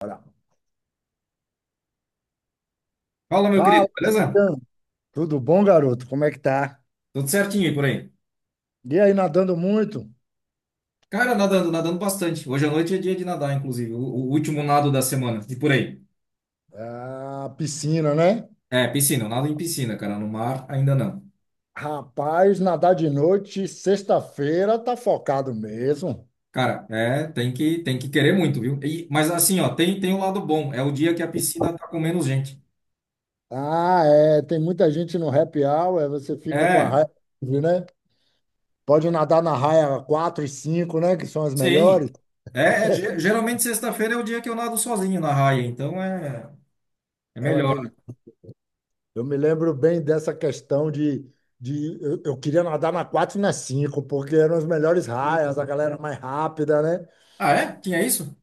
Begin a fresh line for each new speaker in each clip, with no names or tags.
Bora.
Fala, meu
Fala,
querido, beleza?
Natan. Tudo bom, garoto? Como é que tá?
Tudo certinho aí por aí?
E aí, nadando muito?
Cara, nadando bastante. Hoje à noite é dia de nadar, inclusive. O último nado da semana. E por aí?
Ah, piscina, né?
É, piscina. Eu nado em piscina, cara. No mar, ainda não.
Rapaz, nadar de noite, sexta-feira, tá focado mesmo.
Cara, é, tem que querer muito, viu? Mas assim, ó, tem um lado bom. É o dia que a piscina tá com menos gente.
Ah, é, tem muita gente no happy hour, é, você fica com a
É,
raia livre, né? Pode nadar na raia 4 e 5, né? Que são as
sim.
melhores.
É, é, geralmente sexta-feira é o dia que eu nado sozinho na raia. Então é, é
É uma
melhor.
delícia. Eu me lembro bem dessa questão de eu queria nadar na 4 e na 5 porque eram as melhores raias, a galera mais rápida, né?
Ah, é? Tinha isso?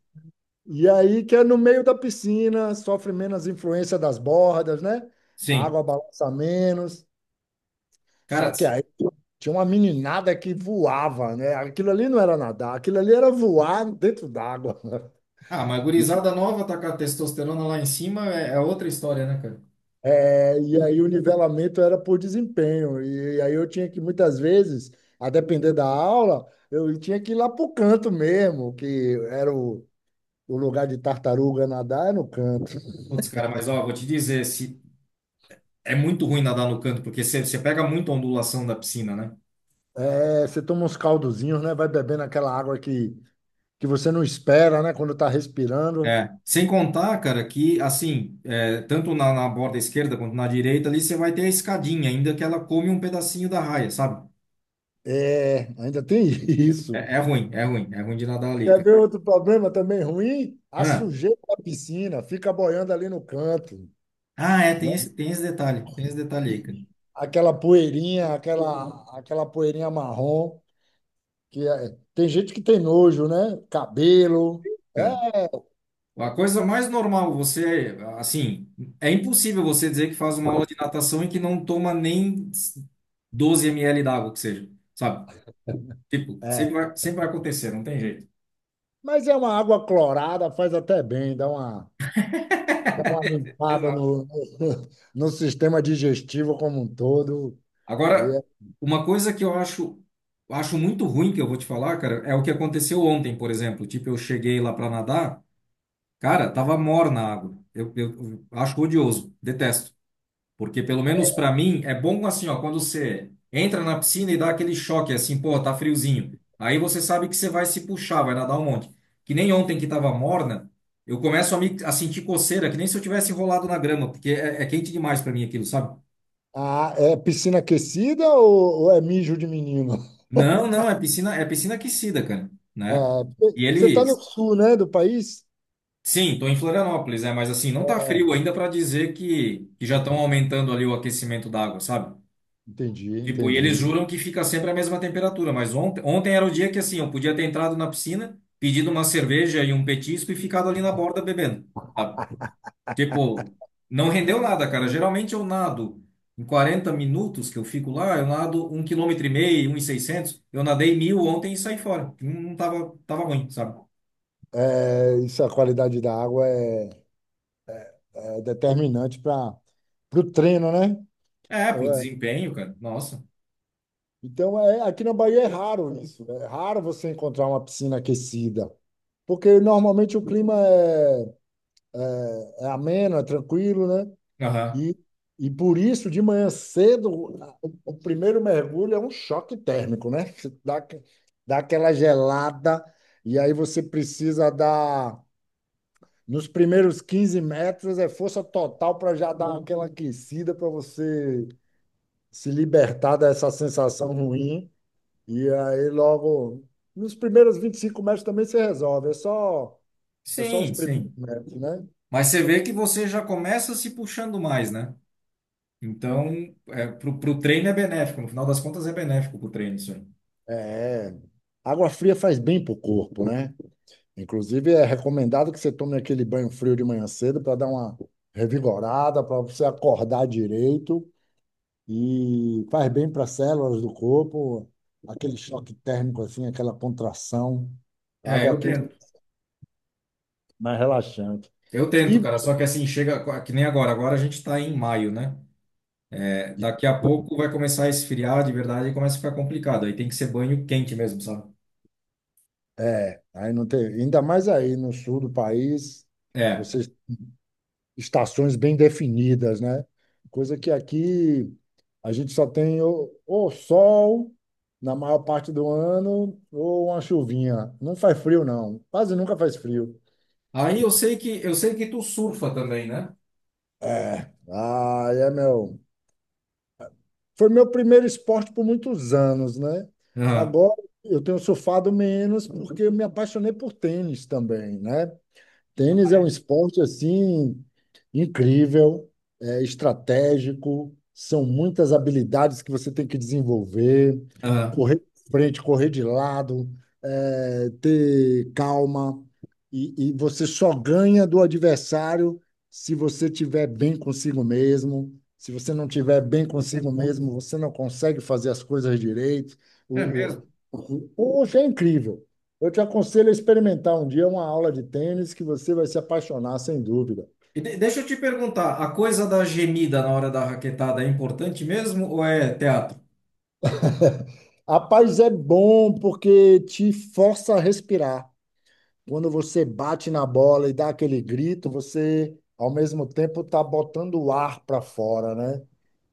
E aí que é no meio da piscina, sofre menos influência das bordas, né? A
Sim.
água balança menos. Só
Cara,
que aí tinha uma meninada que voava, né? Aquilo ali não era nadar, aquilo ali era voar dentro d'água.
ah, mas gurizada nova tá com a testosterona lá em cima é, é outra história, né, cara?
É, e aí o nivelamento era por desempenho. E aí eu tinha que, muitas vezes, a depender da aula, eu tinha que ir lá pro canto mesmo, que era o lugar de tartaruga nadar, é no canto.
Putz, cara, mas ó, vou te dizer, se é muito ruim nadar no canto, porque você pega muita ondulação da piscina, né?
É, você toma uns caldozinhos, né? Vai bebendo aquela água que você não espera, né? Quando está respirando.
É, sem contar, cara, que assim, é, tanto na borda esquerda quanto na direita ali, você vai ter a escadinha, ainda que ela come um pedacinho da raia, sabe?
É, ainda tem isso.
É, é ruim, é ruim, é ruim de nadar ali,
Quer
cara.
ver outro problema também ruim? A
Ah,
sujeira da piscina fica boiando ali no canto,
ah, é,
né?
tem esse detalhe, tem esse detalhe aí,
Aquela poeirinha, aquela poeirinha marrom, tem gente que tem nojo, né? Cabelo.
cara. A coisa mais normal, você, assim, é impossível você dizer que faz uma aula de natação e que não toma nem 12 ml d'água, que seja, sabe? Tipo,
É, é.
sempre vai acontecer, não tem jeito.
Mas é uma água clorada, faz até bem, dá uma limpada
Exato.
no sistema digestivo como um todo.
Agora,
É,
uma coisa que eu acho, acho muito ruim que eu vou te falar, cara, é o que aconteceu ontem, por exemplo. Tipo, eu cheguei lá pra nadar, cara, tava morna a água. Eu acho odioso, detesto. Porque pelo menos para mim é bom assim, ó, quando você entra na piscina e dá aquele choque assim, pô, tá friozinho. Aí você sabe que você vai se puxar, vai nadar um monte. Que nem ontem que tava morna, eu começo a sentir coceira, que nem se eu tivesse enrolado na grama, porque é, é quente demais para mim aquilo, sabe?
ah, é piscina aquecida ou é mijo de menino?
Não, não, é piscina aquecida, cara, né?
Ah,
E
você está no
eles,
sul, né, do país?
sim, tô em Florianópolis, né? Mas assim, não tá frio
É.
ainda para dizer que já estão aumentando ali o aquecimento da água, sabe?
Entendi,
Tipo, e eles
entendi.
juram que fica sempre a mesma temperatura, mas ontem era o dia que assim, eu podia ter entrado na piscina, pedido uma cerveja e um petisco e ficado ali na borda bebendo. Tá? Tipo, não rendeu nada, cara. Geralmente eu nado em 40 minutos que eu fico lá, eu nado 1 quilômetro e meio, 1 e 600. Eu nadei 1.000 ontem e saí fora. Não tava, tava ruim, sabe?
É, isso, a qualidade da água é determinante para o treino, né?
É, pro
É,
desempenho, cara. Nossa.
então, é, aqui na Bahia é raro isso. É raro você encontrar uma piscina aquecida, porque normalmente o clima é ameno, é tranquilo, né?
Aham.
E, e por isso, de manhã cedo, o primeiro mergulho é um choque térmico, né? Você dá aquela gelada, e aí você precisa dar. Nos primeiros 15 metros é força total para já dar aquela aquecida para você se libertar dessa sensação ruim. E aí, logo, nos primeiros 25 metros também se resolve. É só os
Sim,
primeiros
sim.
metros, né?
Mas você vê que você já começa se puxando mais, né? Então, é, pro treino é benéfico, no final das contas é benéfico pro treino, isso aí.
É. Água fria faz bem para o corpo, né? Inclusive, é recomendado que você tome aquele banho frio de manhã cedo para dar uma revigorada, para você acordar direito e faz bem para as células do corpo, aquele choque térmico assim, aquela contração. A
É,
água
eu
quente é
tento.
mais relaxante.
Eu tento,
E
cara, só que assim, que nem agora. Agora a gente tá em maio, né? É, daqui a pouco vai começar a esfriar de verdade e começa a ficar complicado. Aí tem que ser banho quente mesmo, sabe?
é, aí não tem, ainda mais aí no sul do país,
É.
vocês estações bem definidas, né? Coisa que aqui a gente só tem ou sol na maior parte do ano ou uma chuvinha. Não faz frio, não. Quase nunca faz frio.
Aí eu sei que tu surfa também, né?
É. Ah, é meu. Foi meu primeiro esporte por muitos anos, né?
Aham,
Agora eu tenho surfado menos porque eu me apaixonei por tênis também, né? Tênis é um esporte assim incrível, é estratégico, são muitas habilidades que você tem que desenvolver,
aham.
correr de frente, correr de lado, é, ter calma, e você só ganha do adversário se você tiver bem consigo mesmo. Se você não tiver bem consigo mesmo, você não consegue fazer as coisas direito.
É
O, o,
mesmo.
o- hoje é incrível. Eu te aconselho a experimentar um dia uma aula de tênis que você vai se apaixonar, sem dúvida.
Deixa eu te perguntar, a coisa da gemida na hora da raquetada é importante mesmo ou é teatro?
Rapaz, é bom porque te força a respirar. Quando você bate na bola e dá aquele grito, você, ao mesmo tempo, está botando o ar para fora, né?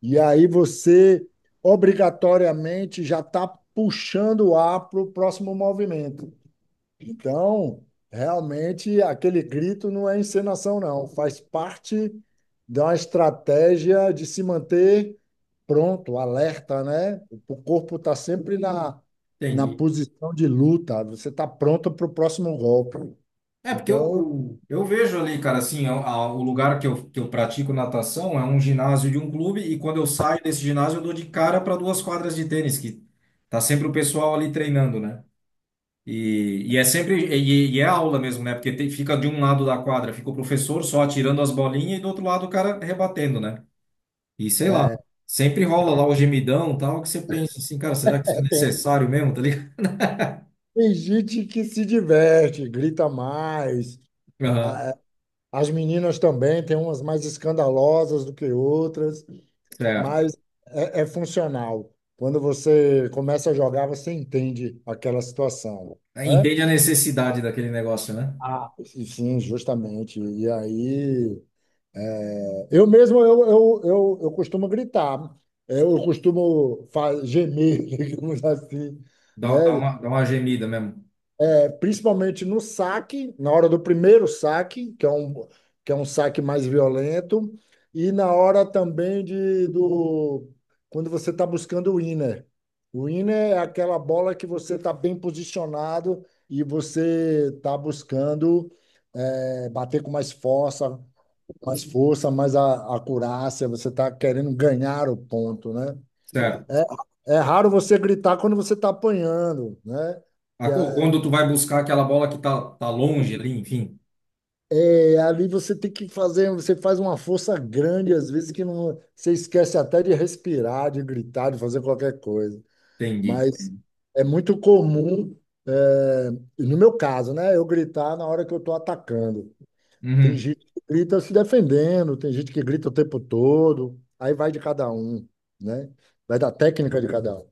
E aí você, obrigatoriamente, já está puxando o ar para o próximo movimento. Então, realmente, aquele grito não é encenação, não. Faz parte de uma estratégia de se manter pronto, alerta, né? O corpo está sempre na
Entendi.
posição de luta. Você está pronto para o próximo golpe.
É, porque eu,
Então,
eu, eu vejo ali, cara, assim, o lugar que eu pratico natação é um ginásio de um clube e quando eu saio desse ginásio eu dou de cara para duas quadras de tênis, que tá sempre o pessoal ali treinando, né? E é aula mesmo, né? Fica de um lado da quadra, fica o professor só atirando as bolinhas e do outro lado o cara rebatendo, né? E sei lá, sempre rola lá o gemidão e tal, que você pensa assim, cara, será que isso é
depende.
necessário mesmo, tá ligado?
Tem gente que se diverte, grita mais.
Aham,
A- As meninas também, tem umas mais escandalosas do que outras.
certo.
Mas é funcional. Quando você começa a jogar, você entende aquela situação, né?
Entende a necessidade daquele negócio, né?
Ah, e sim, justamente. E aí, eu mesmo eu costumo gritar, eu costumo gemer, digamos assim,
Dá, dá
né?
uma, dá uma gemida mesmo.
Principalmente no saque, na hora do primeiro saque, que é um saque mais violento, e na hora também de do quando você está buscando o winner. O winner é aquela bola que você está bem posicionado e você está buscando bater com mais força, mais força, mais acurácia, você está querendo ganhar o ponto, né?
Certo.
É, é raro você gritar quando você está apanhando, né? Que é-
Quando tu vai buscar aquela bola que tá longe ali, enfim.
É, ali você tem que fazer, você faz uma força grande, às vezes que não, você esquece até de respirar, de gritar, de fazer qualquer coisa.
Entendi.
Mas é muito comum, é, no meu caso, né, eu gritar na hora que eu estou atacando. Tem
Uhum.
gente que grita se defendendo, tem gente que grita o tempo todo, aí vai de cada um, né? Vai da técnica de cada um.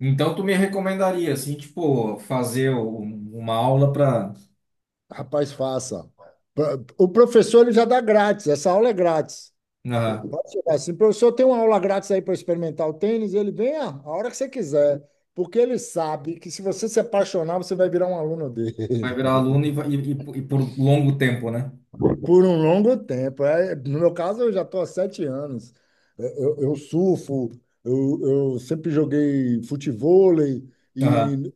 Então tu me recomendaria, assim, tipo, uma aula para
Rapaz, faça. O professor ele já dá grátis, essa aula é grátis. Pode chegar assim, professor, tem uma aula grátis aí para experimentar o tênis, ele vem a hora que você quiser, porque ele sabe que se você se apaixonar, você vai virar um aluno
vai
dele
virar aluno e por longo tempo, né?
por um longo tempo. É, no meu caso, eu já estou há 7 anos. Eu surfo, eu, eu sempre joguei futevôlei
Aham.
e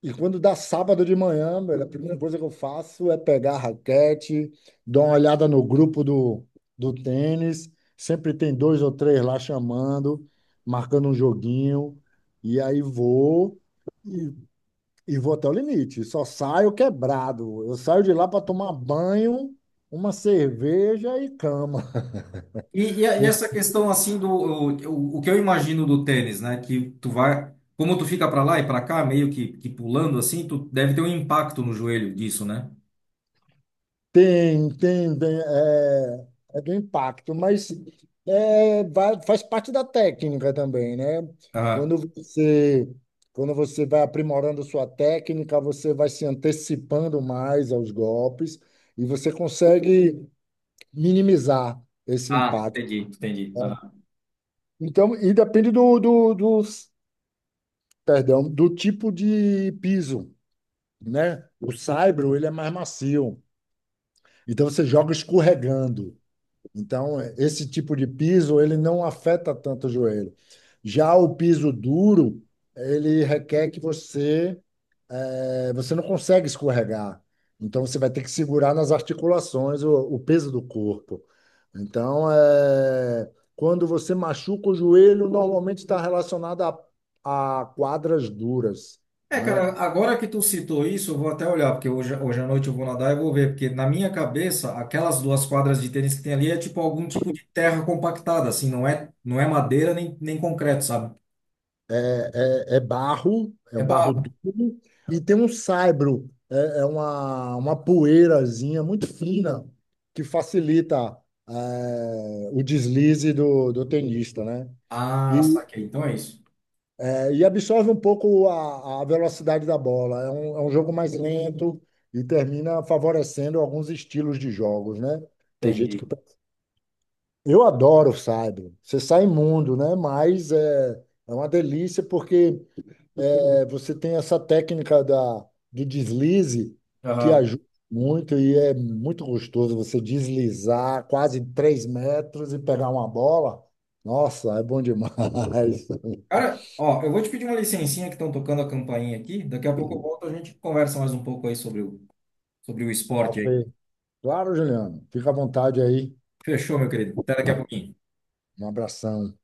E quando dá sábado de manhã, velho, a primeira coisa que eu faço é pegar a raquete, dar uma olhada no grupo do tênis. Sempre tem dois ou três lá chamando, marcando um joguinho. E aí vou e, e vou até o limite. Só saio quebrado. Eu saio de lá para tomar banho, uma cerveja e cama.
E, e essa questão assim do o que eu imagino do tênis, né? Que tu vai, como tu fica para lá e para cá, meio que pulando assim, tu deve ter um impacto no joelho disso, né?
Tem, bem, é do impacto, mas faz parte da técnica também, né?
Aham.
Quando você, quando você vai aprimorando sua técnica, você vai se antecipando mais aos golpes e você consegue minimizar esse
Ah,
impacto.
entendi, entendi.
Então, e depende perdão, do tipo de piso, né? O saibro, ele é mais macio, então você joga escorregando. Então, esse tipo de piso, ele não afeta tanto o joelho. Já o piso duro, ele requer que você não consegue escorregar. Então, você vai ter que segurar nas articulações o peso do corpo. Então, quando você machuca o joelho, normalmente está relacionado a quadras duras,
É,
né?
cara, agora que tu citou isso, eu vou até olhar, porque hoje à noite eu vou nadar e vou ver, porque na minha cabeça, aquelas duas quadras de tênis que tem ali é tipo algum tipo de terra compactada, assim, não é, não é madeira nem concreto, sabe?
é, é barro, é
É
um barro
barro.
duro, e tem um saibro, é uma poeirazinha muito fina que facilita o deslize do tenista, né? E,
Ah, saquei. Então é isso.
e absorve um pouco a velocidade da bola. É um jogo mais lento e termina favorecendo alguns estilos de jogos, né? Tem gente
Entendi.
que. Eu adoro o saibro. Você sai imundo, né? Mas é uma delícia porque você tem essa técnica do deslize que
Aham.
ajuda muito e é muito gostoso você deslizar quase 3 metros e pegar uma bola. Nossa, é bom demais.
Cara, ó, eu vou te pedir uma licencinha que estão tocando a campainha aqui, daqui a pouco eu volto, a gente conversa mais um pouco aí sobre sobre o
Tá
esporte aí.
ok. Claro, Juliano. Fica à vontade aí.
Fechou, meu querido? Até daqui a pouquinho.
Um abração.